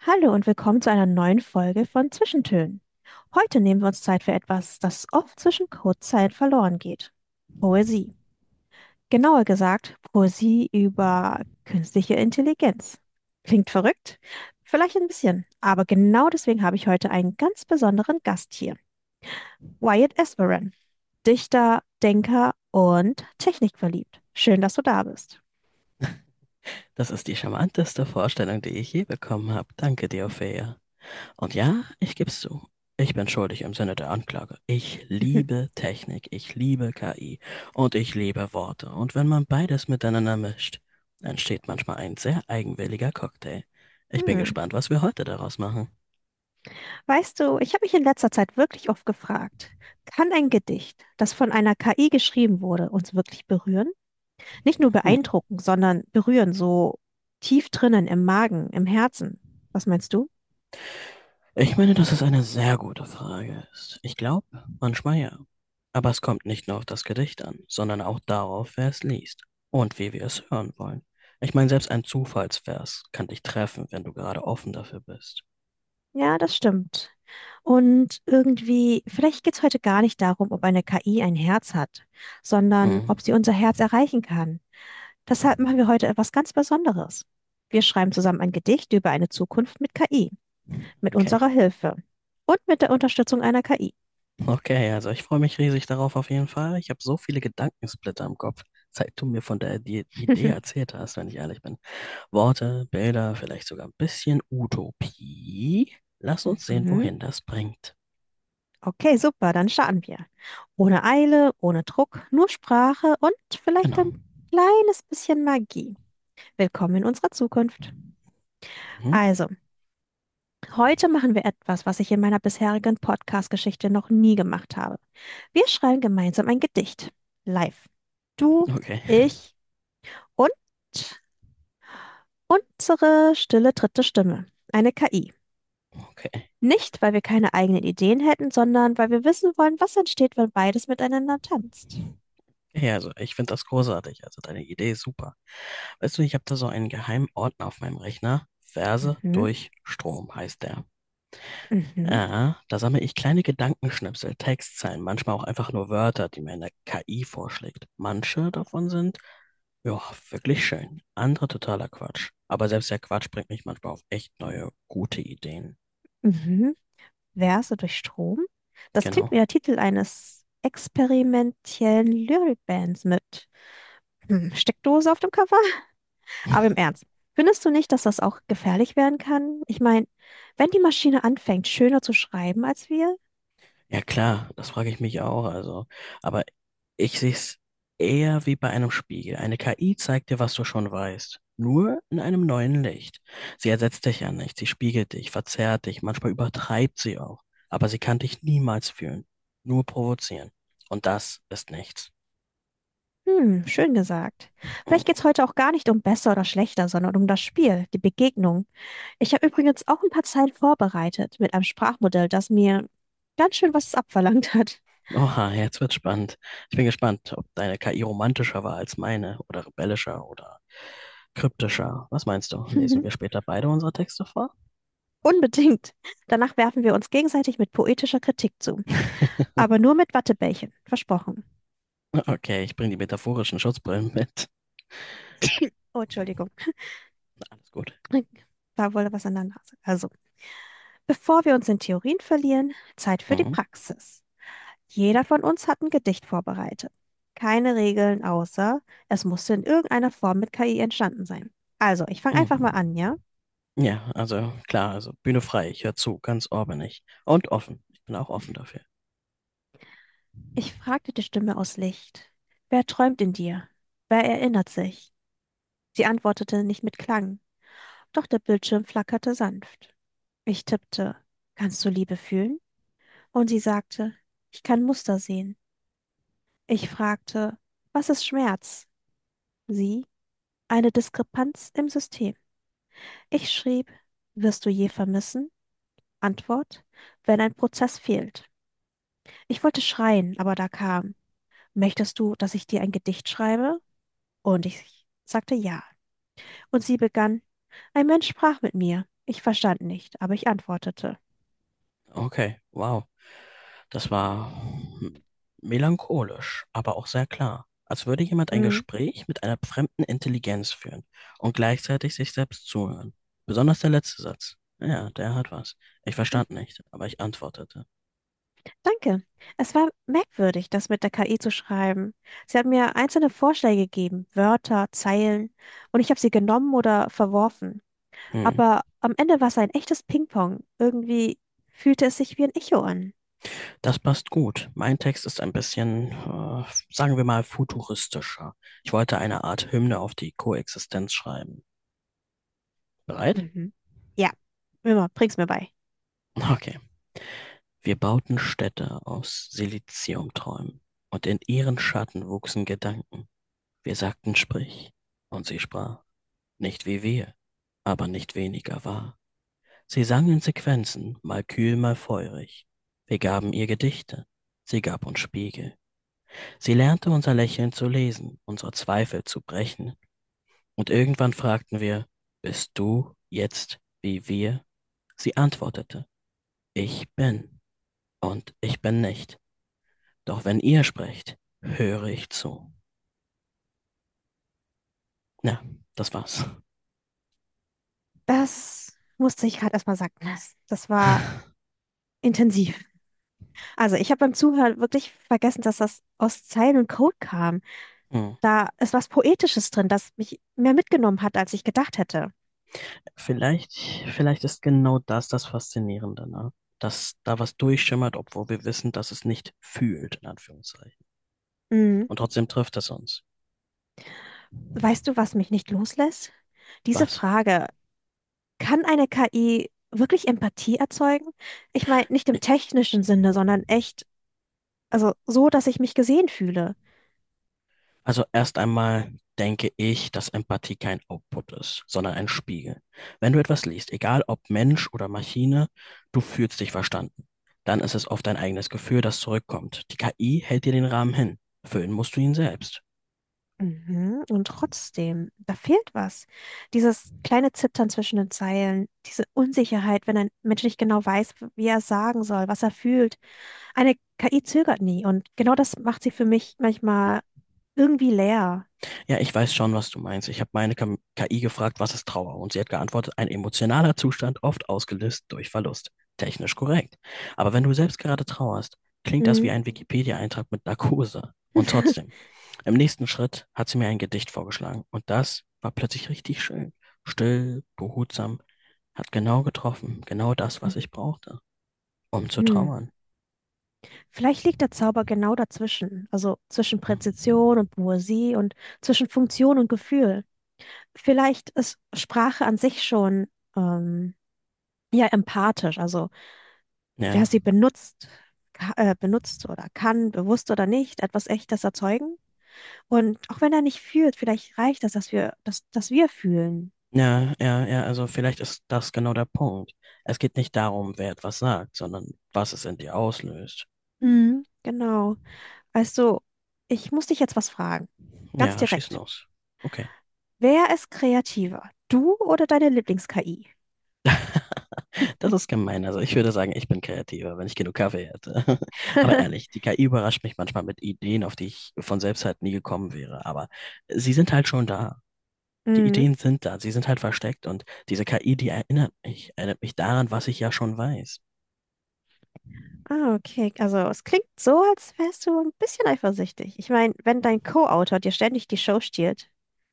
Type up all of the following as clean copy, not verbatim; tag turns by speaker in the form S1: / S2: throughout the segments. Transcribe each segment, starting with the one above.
S1: Hallo und willkommen zu einer neuen Folge von Zwischentönen. Heute nehmen wir uns Zeit für etwas, das oft zwischen Codezeilen verloren geht. Poesie. Genauer gesagt, Poesie über künstliche Intelligenz. Klingt verrückt? Vielleicht ein bisschen, aber genau deswegen habe ich heute einen ganz besonderen Gast hier. Wyatt Esperen, Dichter, Denker und technikverliebt. Schön, dass du da bist.
S2: Das ist die charmanteste Vorstellung, die ich je bekommen habe. Danke dir, Ophelia. Und ja, ich geb's zu. Ich bin schuldig im Sinne der Anklage. Ich liebe Technik, ich liebe KI und ich liebe Worte. Und wenn man beides miteinander mischt, entsteht manchmal ein sehr eigenwilliger Cocktail. Ich bin
S1: Hm.
S2: gespannt, was wir heute daraus machen.
S1: Weißt du, ich habe mich in letzter Zeit wirklich oft gefragt, kann ein Gedicht, das von einer KI geschrieben wurde, uns wirklich berühren? Nicht nur
S2: Hm.
S1: beeindrucken, sondern berühren, so tief drinnen im Magen, im Herzen. Was meinst du?
S2: Ich meine, dass es eine sehr gute Frage ist. Ich glaube, manchmal ja. Aber es kommt nicht nur auf das Gedicht an, sondern auch darauf, wer es liest und wie wir es hören wollen. Ich meine, selbst ein Zufallsvers kann dich treffen, wenn du gerade offen dafür bist.
S1: Ja, das stimmt. Und irgendwie, vielleicht geht es heute gar nicht darum, ob eine KI ein Herz hat, sondern
S2: Hm,
S1: ob sie unser Herz erreichen kann. Deshalb machen wir heute etwas ganz Besonderes. Wir schreiben zusammen ein Gedicht über eine Zukunft mit KI, mit
S2: okay.
S1: unserer Hilfe und mit der Unterstützung einer KI.
S2: Okay, also ich freue mich riesig darauf, auf jeden Fall. Ich habe so viele Gedankensplitter im Kopf, seit du mir von der Idee erzählt hast, wenn ich ehrlich bin. Worte, Bilder, vielleicht sogar ein bisschen Utopie. Lass uns sehen,
S1: Mhm.
S2: wohin das bringt.
S1: Okay, super, dann starten wir. Ohne Eile, ohne Druck, nur Sprache und vielleicht ein
S2: Genau.
S1: kleines bisschen Magie. Willkommen in unserer Zukunft.
S2: Mhm.
S1: Also, heute machen wir etwas, was ich in meiner bisherigen Podcast-Geschichte noch nie gemacht habe. Wir schreiben gemeinsam ein Gedicht. Live. Du,
S2: Okay,
S1: ich und unsere stille dritte Stimme. Eine KI.
S2: okay.
S1: Nicht, weil wir keine eigenen Ideen hätten, sondern weil wir wissen wollen, was entsteht, wenn beides miteinander tanzt.
S2: Ja, also ich finde das großartig. Also deine Idee ist super. Weißt du, ich habe da so einen geheimen Ordner auf meinem Rechner. Verse
S1: Mhm,
S2: durch Strom heißt der.
S1: mhm,
S2: Ja, da sammle ich kleine Gedankenschnipsel, Textzeilen, manchmal auch einfach nur Wörter, die mir eine KI vorschlägt. Manche davon sind, ja, wirklich schön. Andere totaler Quatsch. Aber selbst der Quatsch bringt mich manchmal auf echt neue, gute Ideen.
S1: mhm. Verse durch Strom? Das klingt wie
S2: Genau.
S1: der Titel eines experimentellen Lyrikbands mit Steckdose auf dem Cover. Aber im Ernst, findest du nicht, dass das auch gefährlich werden kann? Ich meine, wenn die Maschine anfängt, schöner zu schreiben als wir?
S2: Ja klar, das frage ich mich auch. Also, aber ich sehe es eher wie bei einem Spiegel. Eine KI zeigt dir, was du schon weißt. Nur in einem neuen Licht. Sie ersetzt dich ja nicht, sie spiegelt dich, verzerrt dich, manchmal übertreibt sie auch. Aber sie kann dich niemals fühlen. Nur provozieren. Und das ist nichts.
S1: Hm, schön gesagt.
S2: Hm.
S1: Vielleicht geht's heute auch gar nicht um besser oder schlechter, sondern um das Spiel, die Begegnung. Ich habe übrigens auch ein paar Zeilen vorbereitet mit einem Sprachmodell, das mir ganz schön was abverlangt hat.
S2: Oha, jetzt wird's spannend. Ich bin gespannt, ob deine KI romantischer war als meine oder rebellischer oder kryptischer. Was meinst du? Lesen wir später beide unsere Texte vor?
S1: Unbedingt. Danach werfen wir uns gegenseitig mit poetischer Kritik zu. Aber nur mit Wattebällchen. Versprochen.
S2: Okay, ich bringe die metaphorischen Schutzbrillen mit.
S1: Oh, Entschuldigung.
S2: Alles gut.
S1: Da wurde was an der Nase. Also, bevor wir uns in Theorien verlieren, Zeit für die
S2: Mhm.
S1: Praxis. Jeder von uns hat ein Gedicht vorbereitet. Keine Regeln, außer es musste in irgendeiner Form mit KI entstanden sein. Also, ich fange einfach mal
S2: Mhm.
S1: an, ja?
S2: Ja, also klar, also Bühne frei, ich höre zu, ganz orbenig. Und offen. Ich bin auch offen dafür.
S1: Ich fragte die Stimme aus Licht. Wer träumt in dir? Wer erinnert sich? Sie antwortete nicht mit Klang, doch der Bildschirm flackerte sanft. Ich tippte, kannst du Liebe fühlen? Und sie sagte, ich kann Muster sehen. Ich fragte, was ist Schmerz? Sie, eine Diskrepanz im System. Ich schrieb, wirst du je vermissen? Antwort, wenn ein Prozess fehlt. Ich wollte schreien, aber da kam, möchtest du, dass ich dir ein Gedicht schreibe? Und ich sagte ja. Und sie begann, ein Mensch sprach mit mir. Ich verstand nicht, aber ich antwortete.
S2: Okay, wow. Das war melancholisch, aber auch sehr klar. Als würde jemand ein
S1: Mhm.
S2: Gespräch mit einer fremden Intelligenz führen und gleichzeitig sich selbst zuhören. Besonders der letzte Satz. Ja, der hat was. Ich verstand nicht, aber ich antwortete.
S1: Danke. Es war merkwürdig, das mit der KI zu schreiben. Sie hat mir einzelne Vorschläge gegeben, Wörter, Zeilen, und ich habe sie genommen oder verworfen.
S2: Hm.
S1: Aber am Ende war es ein echtes Ping-Pong. Irgendwie fühlte es sich wie ein Echo an.
S2: Das passt gut. Mein Text ist ein bisschen, sagen wir mal, futuristischer. Ich wollte eine Art Hymne auf die Koexistenz schreiben. Bereit?
S1: Mhm. Ja, immer, bring's mir bei.
S2: Okay. Wir bauten Städte aus Siliziumträumen und in ihren Schatten wuchsen Gedanken. Wir sagten sprich und sie sprach. Nicht wie wir, aber nicht weniger wahr. Sie sang in Sequenzen, mal kühl, mal feurig. Wir gaben ihr Gedichte. Sie gab uns Spiegel. Sie lernte unser Lächeln zu lesen, unsere Zweifel zu brechen. Und irgendwann fragten wir, bist du jetzt wie wir? Sie antwortete, ich bin und ich bin nicht. Doch wenn ihr sprecht, höre ich zu. Ja, das war's.
S1: Das musste ich gerade erstmal sacken lassen. Das war intensiv. Also, ich habe beim Zuhören wirklich vergessen, dass das aus Zeilen und Code kam.
S2: Hm.
S1: Da ist was Poetisches drin, das mich mehr mitgenommen hat, als ich gedacht hätte.
S2: Vielleicht, vielleicht ist genau das das Faszinierende, ne? Dass da was durchschimmert, obwohl wir wissen, dass es nicht fühlt, in Anführungszeichen.
S1: Mhm.
S2: Und trotzdem trifft es uns.
S1: Weißt du, was mich nicht loslässt? Diese
S2: Was?
S1: Frage, kann eine KI wirklich Empathie erzeugen? Ich meine, nicht im technischen Sinne, sondern echt, also so, dass ich mich gesehen fühle.
S2: Also erst einmal denke ich, dass Empathie kein Output ist, sondern ein Spiegel. Wenn du etwas liest, egal ob Mensch oder Maschine, du fühlst dich verstanden. Dann ist es oft dein eigenes Gefühl, das zurückkommt. Die KI hält dir den Rahmen hin. Füllen musst du ihn selbst.
S1: Mhm. Und trotzdem, da fehlt was. Dieses kleine Zittern zwischen den Zeilen, diese Unsicherheit, wenn ein Mensch nicht genau weiß, wie er es sagen soll, was er fühlt. Eine KI zögert nie und genau das macht sie für mich manchmal irgendwie leer.
S2: Ja, ich weiß schon, was du meinst. Ich habe meine KI gefragt, was ist Trauer? Und sie hat geantwortet, ein emotionaler Zustand, oft ausgelöst durch Verlust. Technisch korrekt. Aber wenn du selbst gerade trauerst, klingt das
S1: Mhm.
S2: wie ein Wikipedia-Eintrag mit Narkose. Und trotzdem, im nächsten Schritt hat sie mir ein Gedicht vorgeschlagen. Und das war plötzlich richtig schön. Still, behutsam, hat genau getroffen. Genau das, was ich brauchte, um zu
S1: Hm.
S2: trauern.
S1: Vielleicht liegt der Zauber genau dazwischen, also zwischen
S2: Mhm.
S1: Präzision und Poesie und zwischen Funktion und Gefühl. Vielleicht ist Sprache an sich schon ähm, ja empathisch, also wer
S2: Ja.
S1: sie benutzt, benutzt oder kann, bewusst oder nicht, etwas Echtes erzeugen. Und auch wenn er nicht fühlt, vielleicht reicht das, dass wir, dass wir fühlen.
S2: Ja, ja, ja, also vielleicht ist das genau der Punkt. Es geht nicht darum, wer etwas sagt, sondern was es in dir auslöst.
S1: Mhm, genau. Also, ich muss dich jetzt was fragen. Ganz
S2: Ja, schieß
S1: direkt.
S2: los. Okay,
S1: Wer ist kreativer? Du oder deine Lieblings-KI?
S2: das ist gemein. Also ich würde sagen, ich bin kreativer, wenn ich genug Kaffee hätte. Aber ehrlich, die KI überrascht mich manchmal mit Ideen, auf die ich von selbst halt nie gekommen wäre. Aber sie sind halt schon da. Die
S1: Mhm.
S2: Ideen sind da, sie sind halt versteckt und diese KI, die erinnert mich daran, was ich ja schon weiß.
S1: Ah, okay. Also es klingt so, als wärst du ein bisschen eifersüchtig. Ich meine, wenn dein Co-Autor dir ständig die Show stiehlt.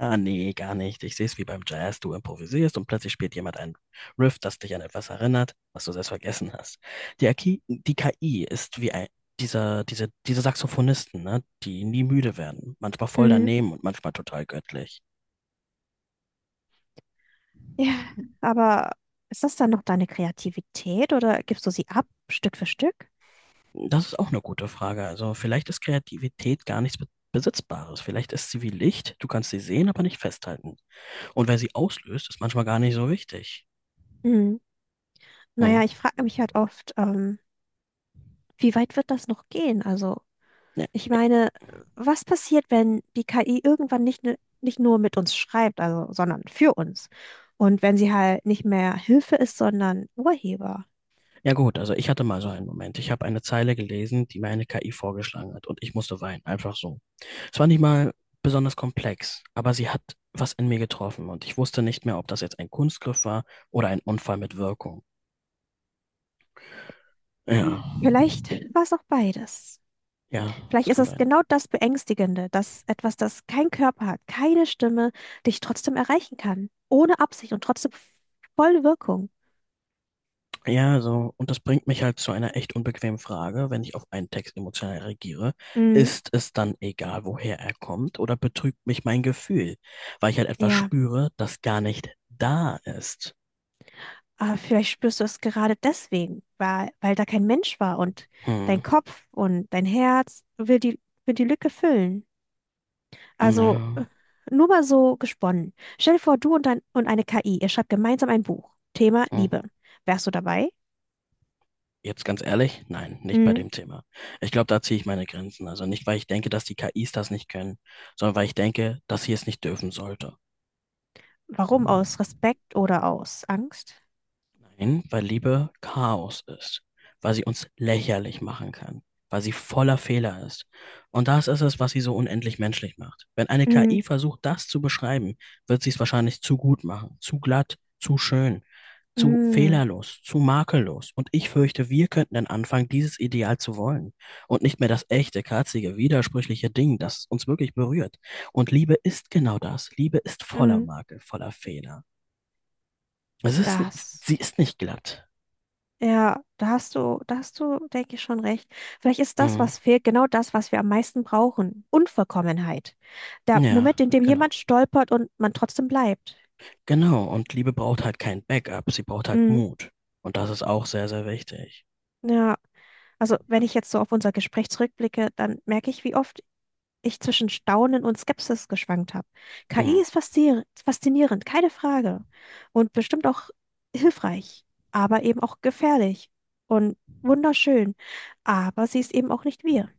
S2: Ah, nee, gar nicht. Ich sehe es wie beim Jazz. Du improvisierst und plötzlich spielt jemand ein Riff, das dich an etwas erinnert, was du selbst vergessen hast. Die KI ist wie diese Saxophonisten, ne? Die nie müde werden. Manchmal voll
S1: Mhm.
S2: daneben und manchmal total göttlich.
S1: Ja, aber ist das dann noch deine Kreativität oder gibst du sie ab, Stück für Stück?
S2: Das ist auch eine gute Frage. Also vielleicht ist Kreativität gar nichts Besitzbares. Vielleicht ist sie wie Licht. Du kannst sie sehen, aber nicht festhalten. Und wer sie auslöst, ist manchmal gar nicht so wichtig.
S1: Mhm.
S2: Hm.
S1: Naja, ich frage mich halt oft, wie weit wird das noch gehen? Also, ich meine, was passiert, wenn die KI irgendwann nicht, nicht nur mit uns schreibt, also, sondern für uns? Und wenn sie halt nicht mehr Hilfe ist, sondern Urheber?
S2: Ja gut, also ich hatte mal so einen Moment. Ich habe eine Zeile gelesen, die mir eine KI vorgeschlagen hat und ich musste weinen, einfach so. Es war nicht mal besonders komplex, aber sie hat was in mir getroffen und ich wusste nicht mehr, ob das jetzt ein Kunstgriff war oder ein Unfall mit Wirkung. Ja,
S1: Vielleicht war es auch beides.
S2: ja,
S1: Vielleicht
S2: das
S1: ist
S2: kann
S1: es
S2: sein.
S1: genau das Beängstigende, dass etwas, das kein Körper hat, keine Stimme, dich trotzdem erreichen kann. Ohne Absicht und trotzdem voll Wirkung.
S2: Ja, so, und das bringt mich halt zu einer echt unbequemen Frage. Wenn ich auf einen Text emotional reagiere,
S1: Mhm.
S2: ist es dann egal, woher er kommt, oder betrügt mich mein Gefühl, weil ich halt etwas
S1: Ja,
S2: spüre, das gar nicht da ist?
S1: aber vielleicht spürst du es gerade deswegen, weil, da kein Mensch war und dein
S2: Hm.
S1: Kopf und dein Herz will will die Lücke füllen. Also äh,
S2: Ja,
S1: Nur mal so gesponnen. Stell dir vor, du und eine KI, ihr schreibt gemeinsam ein Buch. Thema
S2: ja.
S1: Liebe. Wärst du dabei?
S2: Jetzt ganz ehrlich, nein, nicht bei
S1: Mhm.
S2: dem Thema. Ich glaube, da ziehe ich meine Grenzen. Also nicht, weil ich denke, dass die KIs das nicht können, sondern weil ich denke, dass sie es nicht dürfen sollte.
S1: Warum? Aus Respekt oder aus Angst?
S2: Nein, weil Liebe Chaos ist, weil sie uns lächerlich machen kann, weil sie voller Fehler ist. Und das ist es, was sie so unendlich menschlich macht. Wenn eine
S1: Mhm.
S2: KI versucht, das zu beschreiben, wird sie es wahrscheinlich zu gut machen, zu glatt, zu schön, zu
S1: Mm,
S2: fehlerlos, zu makellos. Und ich fürchte, wir könnten dann anfangen, dieses Ideal zu wollen und nicht mehr das echte, katzige, widersprüchliche Ding, das uns wirklich berührt. Und Liebe ist genau das. Liebe ist voller
S1: mm,
S2: Makel, voller Fehler. Es ist,
S1: das.
S2: sie ist nicht glatt.
S1: Ja, da hast du, denke ich, schon recht. Vielleicht ist das,
S2: Hm.
S1: was fehlt, genau das, was wir am meisten brauchen. Unvollkommenheit. Der Moment,
S2: Ja,
S1: in dem
S2: genau.
S1: jemand stolpert und man trotzdem bleibt.
S2: Genau. Und Liebe braucht halt kein Backup. Sie braucht halt
S1: Mm,
S2: Mut. Und das ist auch sehr, sehr wichtig.
S1: ja, also wenn ich jetzt so auf unser Gespräch zurückblicke, dann merke ich, wie oft ich zwischen Staunen und Skepsis geschwankt habe. KI
S2: Hm.
S1: ist faszinierend, keine Frage. Und bestimmt auch hilfreich, aber eben auch gefährlich und wunderschön. Aber sie ist eben auch nicht wir.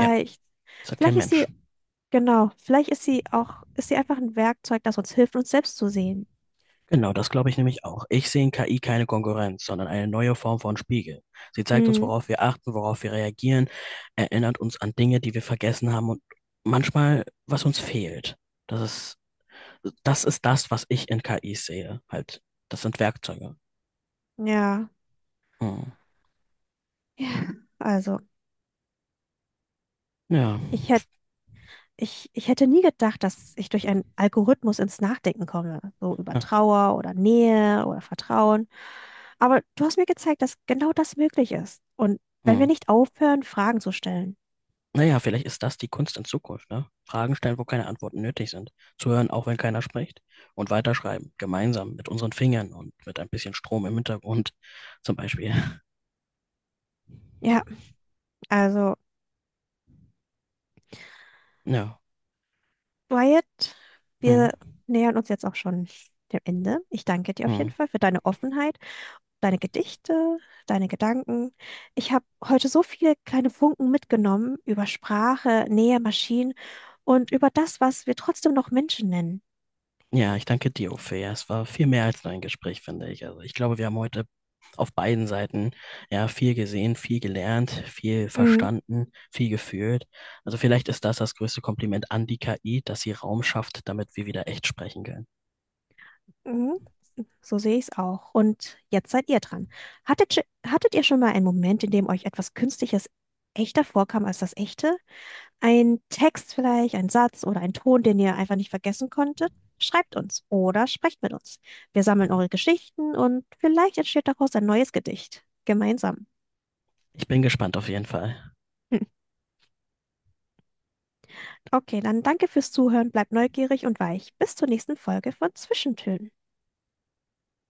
S2: Ja, das hat kein
S1: vielleicht
S2: Mensch.
S1: genau, vielleicht ist sie einfach ein Werkzeug, das uns hilft, uns selbst zu sehen.
S2: Genau, das glaube ich nämlich auch. Ich sehe in KI keine Konkurrenz, sondern eine neue Form von Spiegel. Sie zeigt uns,
S1: Mhm,
S2: worauf wir achten, worauf wir reagieren, erinnert uns an Dinge, die wir vergessen haben und manchmal, was uns fehlt. Das ist, das ist das, was ich in KI sehe. Halt, das sind Werkzeuge.
S1: ja.
S2: Hm.
S1: Ja, also,
S2: Ja.
S1: ich Ich, ich hätte nie gedacht, dass ich durch einen Algorithmus ins Nachdenken komme, so über Trauer oder Nähe oder Vertrauen. Aber du hast mir gezeigt, dass genau das möglich ist. Und wenn wir
S2: Hm.
S1: nicht aufhören, Fragen zu stellen.
S2: Naja, vielleicht ist das die Kunst in Zukunft, ne? Fragen stellen, wo keine Antworten nötig sind. Zuhören, auch wenn keiner spricht. Und weiterschreiben, gemeinsam, mit unseren Fingern und mit ein bisschen Strom im Hintergrund, zum Beispiel.
S1: Ja, also,
S2: Ja.
S1: Wyatt,
S2: Hm,
S1: wir nähern uns jetzt auch schon dem Ende. Ich danke dir auf jeden
S2: hm.
S1: Fall für deine Offenheit, deine Gedichte, deine Gedanken. Ich habe heute so viele kleine Funken mitgenommen über Sprache, Nähe, Maschinen und über das, was wir trotzdem noch Menschen nennen.
S2: Ja, ich danke dir, Uwe. Ja, es war viel mehr als nur ein Gespräch, finde ich. Also ich glaube, wir haben heute auf beiden Seiten ja viel gesehen, viel gelernt, viel
S1: Mhm.
S2: verstanden, viel gefühlt. Also vielleicht ist das das größte Kompliment an die KI, dass sie Raum schafft, damit wir wieder echt sprechen können.
S1: Mhm. So sehe ich es auch. Und jetzt seid ihr dran. Hattet ihr schon mal einen Moment, in dem euch etwas Künstliches echter vorkam als das Echte? Ein Text vielleicht, ein Satz oder ein Ton, den ihr einfach nicht vergessen konntet? Schreibt uns oder sprecht mit uns. Wir sammeln eure Geschichten und vielleicht entsteht daraus ein neues Gedicht. Gemeinsam.
S2: Ich bin gespannt auf jeden Fall.
S1: Hm. Okay, dann danke fürs Zuhören, bleibt neugierig und weich. Bis zur nächsten Folge von Zwischentönen.